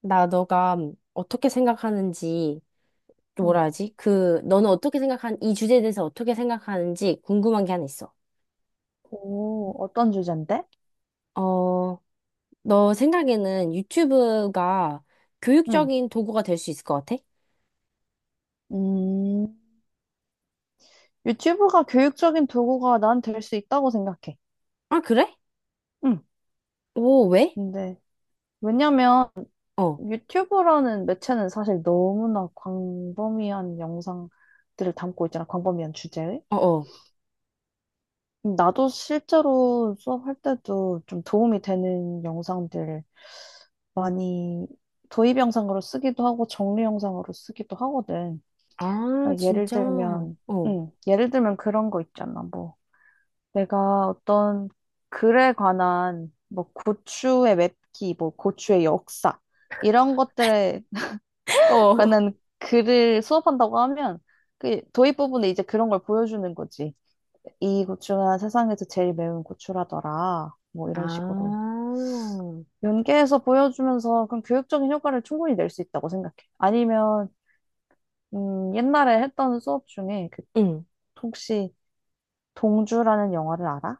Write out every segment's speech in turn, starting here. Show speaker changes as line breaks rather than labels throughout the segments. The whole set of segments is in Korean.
나 너가 어떻게 생각하는지, 또
응.
뭐라 하지? 그, 너는 이 주제에 대해서 어떻게 생각하는지 궁금한 게 하나 있어.
오, 어떤 주제인데?
어, 너 생각에는 유튜브가
응.
교육적인 도구가 될 수 있을 것 같아?
음, 유튜브가 교육적인 도구가 난 될 수 있다고 생각해.
아, 그래?
응.
오, 왜?
근데, 왜냐면
어,
유튜브라는 매체는 사실 너무나 광범위한 영상들을 담고 있잖아. 광범위한 주제의.
어, 어.
나도 실제로 수업할 때도 좀 도움이 되는 영상들 많이 도입 영상으로 쓰기도 하고 정리 영상으로 쓰기도 하거든.
아,
그러니까 예를
진짜?
들면,
어.
응, 예를 들면 그런 거 있잖아. 뭐. 내가 어떤 글에 관한 뭐 고추의 맵기, 뭐 고추의 역사 이런 것들에
어.
관한 글을 수업한다고 하면 그 도입 부분에 이제 그런 걸 보여주는 거지. 이 고추가 세상에서 제일 매운 고추라더라. 뭐
아,
이런 식으로 연계해서 보여주면서 그런 교육적인 효과를 충분히 낼 수 있다고 생각해. 아니면 옛날에 했던 수업 중에 그
응.
혹시 동주라는 영화를 알아?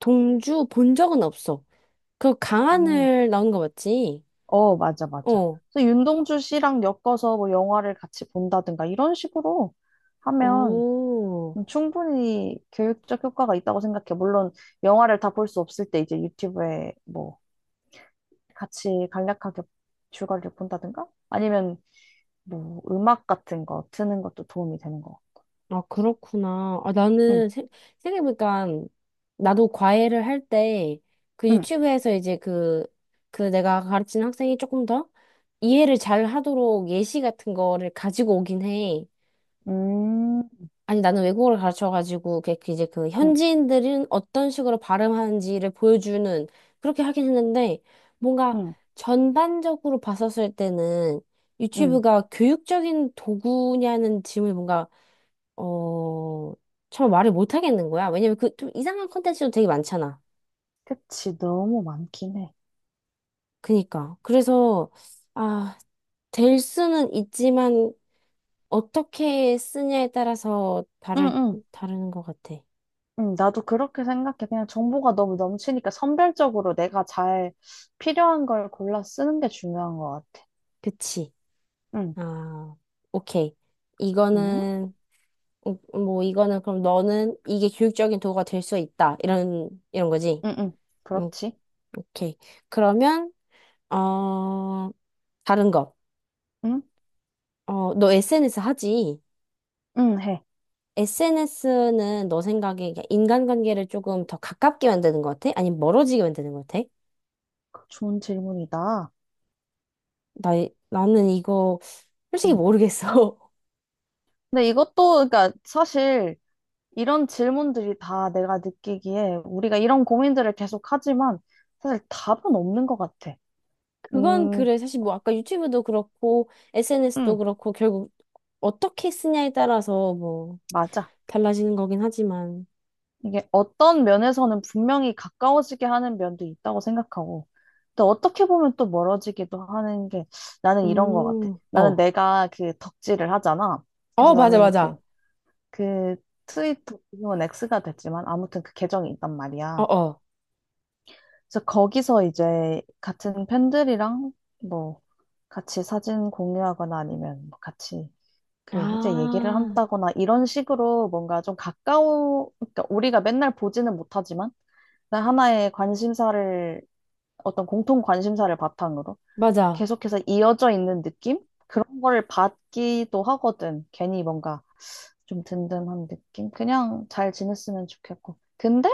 동주 본 적은 없어. 그
음.
강하늘 나온 거 맞지?
어, 맞아, 맞아.
어.
그래서 윤동주 씨랑 엮어서 뭐 영화를 같이 본다든가 이런 식으로 하면
오.
충분히 교육적 효과가 있다고 생각해. 물론 영화를 다 볼 수 없을 때 이제 유튜브에 뭐 같이 간략하게 줄거리를 본다든가 아니면 뭐 음악 같은 거 트는 것도 도움이 되는 거.
아, 그렇구나.
응,
생각해보니까 나도 과외를 할 때 그
응,
유튜브에서 이제 그, 그 내가 가르치는 학생이 조금 더 이해를 잘 하도록 예시 같은 거를 가지고 오긴 해.
음,
아니, 나는 외국어를 가르쳐가지고 그 이제 그
응,
현지인들은 어떤 식으로 발음하는지를 보여주는, 그렇게 하긴 했는데 뭔가
응,
전반적으로 봤었을 때는
응.
유튜브가 교육적인 도구냐는 질문이 뭔가 어, 잘 말을 못 하겠는 거야. 왜냐면 그 좀 이상한 컨텐츠도 되게 많잖아.
그치, 너무 많긴 해.
그니까. 그래서, 아, 될 수는 있지만, 어떻게 쓰냐에 따라서
응,
다를,
응.
다르는 것 같아.
나도 그렇게 생각해. 그냥 정보가 너무 넘치니까 선별적으로 내가 잘 필요한 걸 골라 쓰는 게 중요한 것 같아.
그치.
응,
아, 오케이.
응,
이거는, 뭐, 이거는 그럼 너는 이게 교육적인 도구가 될 수 있다. 이런, 이런 거지.
응, 응.
음,
그렇지.
오케이. 그러면, 어, 다른 거.
응,
어, 너 SNS 하지?
응, 해.
SNS는 너 생각에 이게 인간관계를 조금 더 가깝게 만드는 것 같아? 아니면 멀어지게 만드는 것 같아?
좋은 질문이다.
나, 나는 이거 솔직히
응.
모르겠어.
근데 이것도, 그러니까 사실 이런 질문들이 다 내가 느끼기에 우리가 이런 고민들을 계속 하지만 사실 답은 없는 것 같아.
그건
음,
그래. 사실 뭐 아까 유튜브도 그렇고 SNS도
응,
그렇고 결국 어떻게 쓰냐에 따라서 뭐
맞아.
달라지는 거긴 하지만.
이게 어떤 면에서는 분명히 가까워지게 하는 면도 있다고 생각하고, 또 어떻게 보면 또 멀어지기도 하는 게 나는 이런 것 같아. 나는
어.
내가 그 덕질을 하잖아.
어,
그래서
맞아,
나는 그,
맞아.
그 트위터, 지금은 X가 됐지만 아무튼 그 계정이 있단
어,
말이야.
어.
그래서 거기서 이제 같은 팬들이랑 뭐 같이 사진 공유하거나 아니면 뭐 같이 그 이제 얘기를
아,
한다거나 이런 식으로 뭔가 좀 가까워, 그러니까 우리가 맨날 보지는 못하지만 나 하나의 관심사를, 어떤 공통 관심사를 바탕으로
맞아.
계속해서 이어져 있는 느낌? 그런 거를 받기도 하거든. 괜히 뭔가 좀 든든한 느낌? 그냥 잘 지냈으면 좋겠고. 근데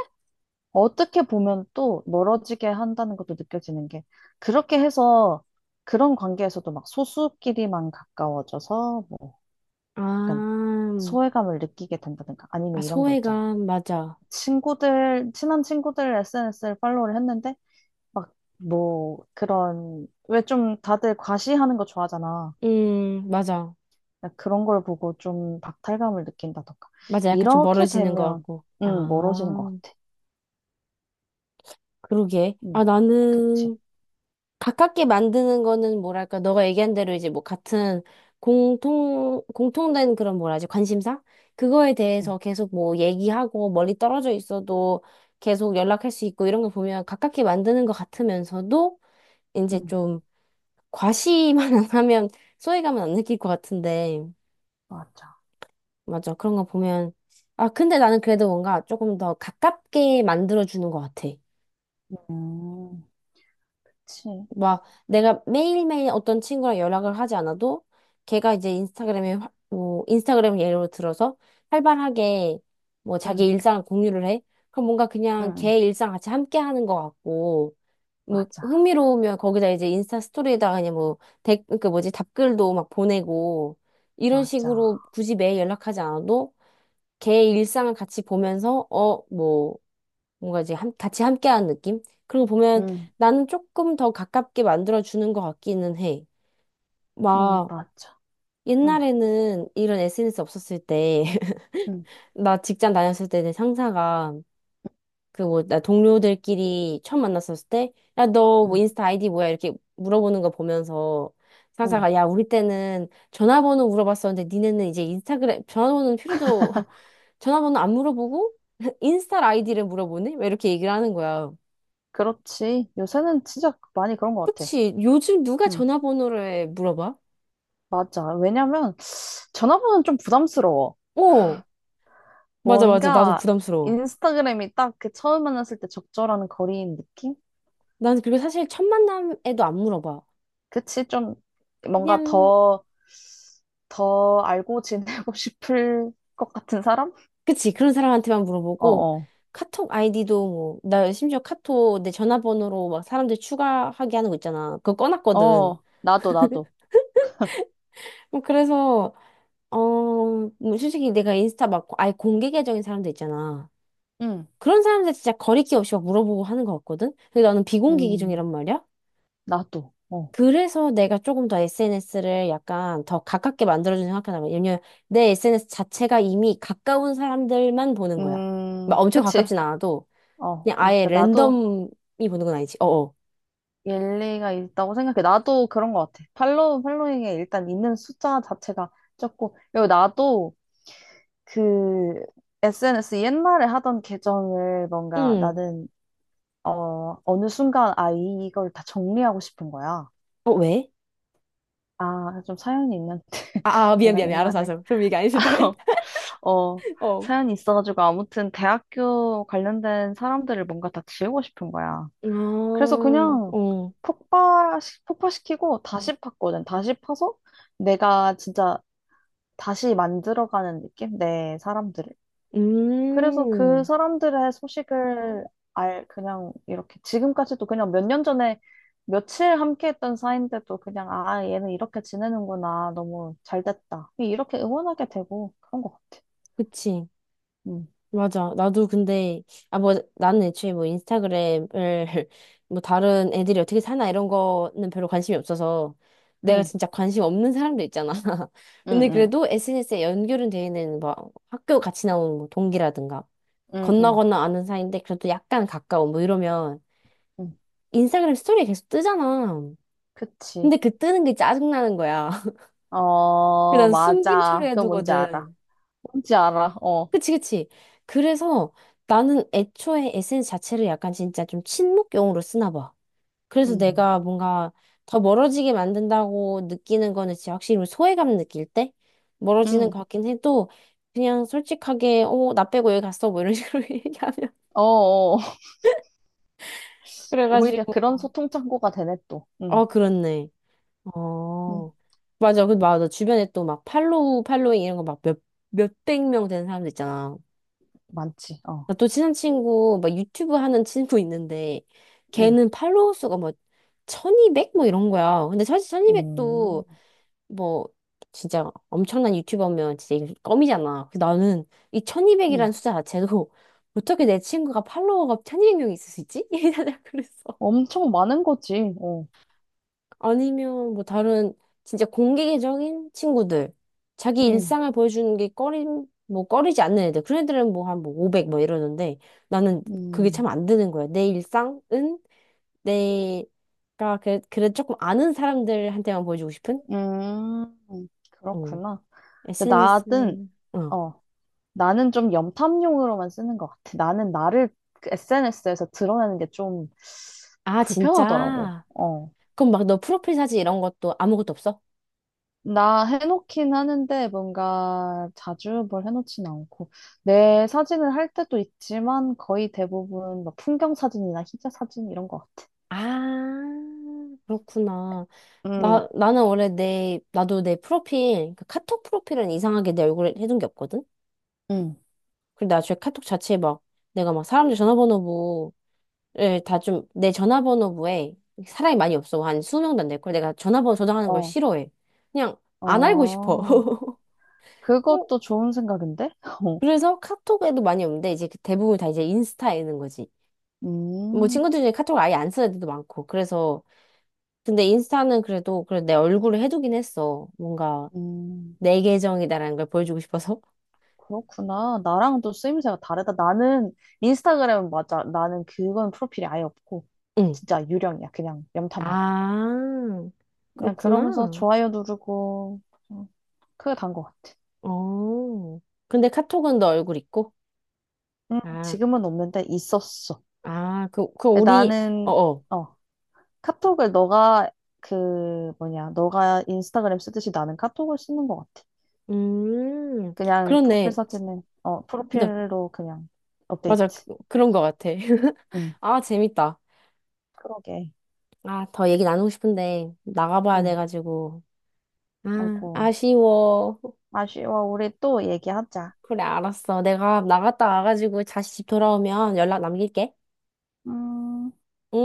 어떻게 보면 또 멀어지게 한다는 것도 느껴지는 게 그렇게 해서 그런 관계에서도 막 소수끼리만 가까워져서 뭐 약간
아,
소외감을 느끼게 된다든가 아니면
아,
이런 거 있잖아.
소외감, 맞아.
친구들, 친한 친구들 SNS를 팔로우를 했는데 막, 뭐, 그런, 왜 좀 다들 과시하는 거 좋아하잖아.
맞아.
그러니까 그런 걸 보고 좀 박탈감을 느낀다던가.
맞아, 약간 좀
이렇게
멀어지는 것
되면,
같고.
멀어지는 것
아,
같아.
그러게.
음,
아,
그치.
나는 가깝게 만드는 거는 뭐랄까, 너가 얘기한 대로 이제 뭐 같은 공통된 그런 뭐라 하지, 관심사? 그거에
음,
대해서 계속 뭐 얘기하고 멀리 떨어져 있어도 계속 연락할 수 있고 이런 거 보면 가깝게 만드는 것 같으면서도 이제
음,
좀 과시만 안 하면 소외감은 안 느낄 것 같은데.
맞아.
맞아, 그런 거 보면. 아, 근데 나는 그래도 뭔가 조금 더 가깝게 만들어주는 것 같아.
음, 그치.
막 내가 매일매일 어떤 친구랑 연락을 하지 않아도 걔가 이제 뭐 인스타그램 예로 들어서 활발하게 뭐 자기
음,
일상을 공유를 해. 그럼 뭔가 그냥
음,
걔 일상 같이 함께 하는 것 같고 뭐
맞아.
흥미로우면 거기다 이제 인스타 스토리에다가 그 뭐지 답글도 막 보내고 이런
맞아.
식으로 굳이 매일 연락하지 않아도 걔 일상을 같이 보면서 어뭐 뭔가 같이 함께하는 느낌? 그리고 보면
음,
나는 조금 더 가깝게 만들어주는 것 같기는 해. 막
맞아. 음,
옛날에는 이런 SNS 없었을 때,
음,
나 직장 다녔을 때 내 상사가 그 뭐 나 동료들끼리 처음 만났었을 때, 야, 너 뭐
음,
인스타 아이디 뭐야? 이렇게 물어보는 거 보면서
음.
상사가 야, 우리 때는 전화번호 물어봤었는데 니네는 이제 인스타그램 전화번호는 필요도 전화번호 안 물어보고 인스타 아이디를 물어보네? 막 이렇게 얘기를 하는 거야.
그렇지. 요새는 진짜 많이 그런 것 같아.
그치. 요즘 누가
음,
전화번호를 물어봐?
맞아. 왜냐면, 전화번호는 좀 부담스러워.
어, 맞아, 맞아. 나도
뭔가
부담스러워.
인스타그램이 딱 그 처음 만났을 때 적절한 거리인 느낌?
난 그리고 사실 첫 만남에도 안 물어봐.
그치? 좀 뭔가
그냥,
더, 더 알고 지내고 싶을 것 같은 사람?
그치. 그런 사람한테만
어
물어보고,
어.
카톡 아이디도 뭐, 나 심지어 카톡 내 전화번호로 막 사람들 추가하게 하는 거 있잖아. 그거
어,
꺼놨거든.
어, 나도, 나도.
뭐 그래서, 어, 뭐 솔직히 내가 인스타 막 아예 공개 계정인 사람들 있잖아.
응,
그런 사람들 진짜 거리낌 없이 막 물어보고 하는 거 같거든? 근데 나는 비공개
음,
계정이란 말이야?
나도. 어.
그래서 내가 조금 더 SNS를 약간 더 가깝게 만들어주는 생각하다가 왜냐면 내 SNS 자체가 이미 가까운 사람들만 보는 거야. 막 엄청
그치?
가깝진 않아도
어,
그냥 아예
그러니까 나도.
랜덤이 보는 건 아니지. 어어.
일리가 있다고 생각해. 나도 그런 것 같아. 팔로우, 팔로잉에 일단 있는 숫자 자체가 적고, 그리고 나도 그 SNS 옛날에 하던 계정을 뭔가
응.
나는, 어, 어느 순간, 아, 이걸 다 정리하고 싶은 거야.
어, 왜?
아, 좀 사연이 있는데.
아,
내가
미안. 알았어,
옛날에,
알았어. 그럼 얘기 안 해도 돼.
어,
어.
사연이 있어가지고, 아무튼 대학교 관련된 사람들을 뭔가 다 지우고 싶은 거야.
아,
그래서 그냥
어.
폭발, 폭발시키고 다시 팠거든. 다시 파서 내가 진짜 다시 만들어가는 느낌? 내 사람들을. 그래서 그
음.
사람들의 소식을 알, 그냥 이렇게 지금까지도 그냥 몇 년 전에 며칠 함께 했던 사이인데도 그냥 아, 얘는 이렇게 지내는구나. 너무 잘 됐다. 이렇게 응원하게 되고 그런 것 같아.
그치.
응,
맞아. 나도 근데, 아, 뭐, 나는 애초에 뭐 인스타그램을, 뭐 다른 애들이 어떻게 사나 이런 거는 별로 관심이 없어서, 내가
응,
진짜 관심 없는 사람도 있잖아.
응,
근데
응,
그래도 SNS에 연결은 돼 있는 뭐 학교 같이 나온 뭐 동기라든가,
응,
건너
응.
건너 아는 사이인데 그래도 약간 가까운 뭐 이러면,
응.
인스타그램 스토리 계속 뜨잖아.
그치.
근데 그 뜨는 게 짜증나는 거야.
어,
그난 숨김
맞아. 그거 뭔지 알아.
처리해두거든.
뭔지 알아. 어.
그치. 그래서 나는 애초에 에 n 스 자체를 약간 진짜 좀 친목용으로 쓰나 봐. 그래서
음,
내가 뭔가 더 멀어지게 만든다고 느끼는 거는 진짜 확실히 소외감 느낄 때 멀어지는
음,
것 같긴 해도 그냥 솔직하게, 어, 나 빼고 여기 갔어. 뭐 이런 식으로 얘기하면.
어, 어. 오히려
그래가지고,
그런 소통 창구가 되네 또.
어, 그렇네.
음,
어. 맞아. 그, 맞아. 주변에 또 막 팔로우, 팔로잉 이런 거 막 몇, 몇백 명 되는 사람들 있잖아.
많지. 어.
나 또 친한 친구, 막 유튜브 하는 친구 있는데,
음,
걔는 팔로워 수가 뭐, 1200? 뭐 이런 거야. 근데 사실
음.
1200도 뭐, 진짜 엄청난 유튜버면 진짜 이거 껌이잖아. 그래서 나는 이
음,
1200이라는 숫자 자체도 어떻게 내 친구가 팔로워가 1200명이 있을 수 있지? 이러다 그랬어.
엄청 많은 거지. 어.
아니면 뭐 다른 진짜 공개적인 친구들 자기
음,
일상을 보여주는 게 꺼림 뭐 꺼리지 않는 애들 그런 애들은 뭐 한 뭐 500 뭐 이러는데 나는 그게 참
음,
안 되는 거야. 내 일상은 내가 그 그래 조금 아는 사람들한테만 보여주고 싶은. 어,
그렇구나. 근데
SNS.
나는
어,
어, 나는 좀 염탐용으로만 쓰는 것 같아. 나는 나를 SNS에서 드러내는 게 좀
아,
불편하더라고.
진짜?
어.
그럼 막 너 프로필 사진 이런 것도 아무것도 없어?
나 해놓긴 하는데 뭔가 자주 뭘 해놓진 않고 내 사진을 할 때도 있지만 거의 대부분 막 풍경 사진이나 희자 사진 이런 것 같아.
아, 그렇구나.
응,
나는 원래 나도 내 프로필, 그 카톡 프로필은 이상하게 내 얼굴에 해둔 게 없거든?
응,
근데 나중에 카톡 자체에 막, 내가 막 사람들 전화번호부를 다 좀, 내 전화번호부에 사람이 많이 없어. 한 20명도 안 될걸. 내가 전화번호 저장하는 걸
어,
싫어해. 그냥 안 알고 싶어.
어,
어,
그것도 좋은 생각인데? 어.
그래서 카톡에도 많이 없는데, 이제 그 대부분 다 이제 인스타에 있는 거지. 뭐
음,
친구들 중에 카톡을 아예 안 쓰는 애들도 많고. 그래서 근데 인스타는 그래도 내 얼굴을 해두긴 했어. 뭔가
음,
내 계정이다라는 걸 보여주고 싶어서.
그렇구나. 나랑 또 쓰임새가 다르다. 나는 인스타그램은 맞아. 나는 그건 프로필이 아예 없고
응.
진짜 유령이야. 그냥 염탐만. 해.
아,
그냥 그러면서
그렇구나.
좋아요 누르고 그냥 크게 단것 같아.
어. 근데 카톡은 너 얼굴 있고? 아,
지금은 없는데 있었어.
아, 그
근데
우리, 어,
나는
어.
어, 카톡을 너가 그 뭐냐, 너가 인스타그램 쓰듯이 나는 카톡을 쓰는 것 같아.
음,
그냥 프로필
그렇네.
사진은 어,
그니까,
프로필로 그냥
맞아. 그,
업데이트.
그런 것 같아.
음,
아, 재밌다.
그러게.
아, 더 얘기 나누고 싶은데, 나가봐야
음,
돼가지고. 아,
아이고,
아쉬워.
아쉬워. 우리 또 얘기하자.
그래, 알았어. 내가 나갔다 와가지고 다시 집 돌아오면 연락 남길게.
음.
응?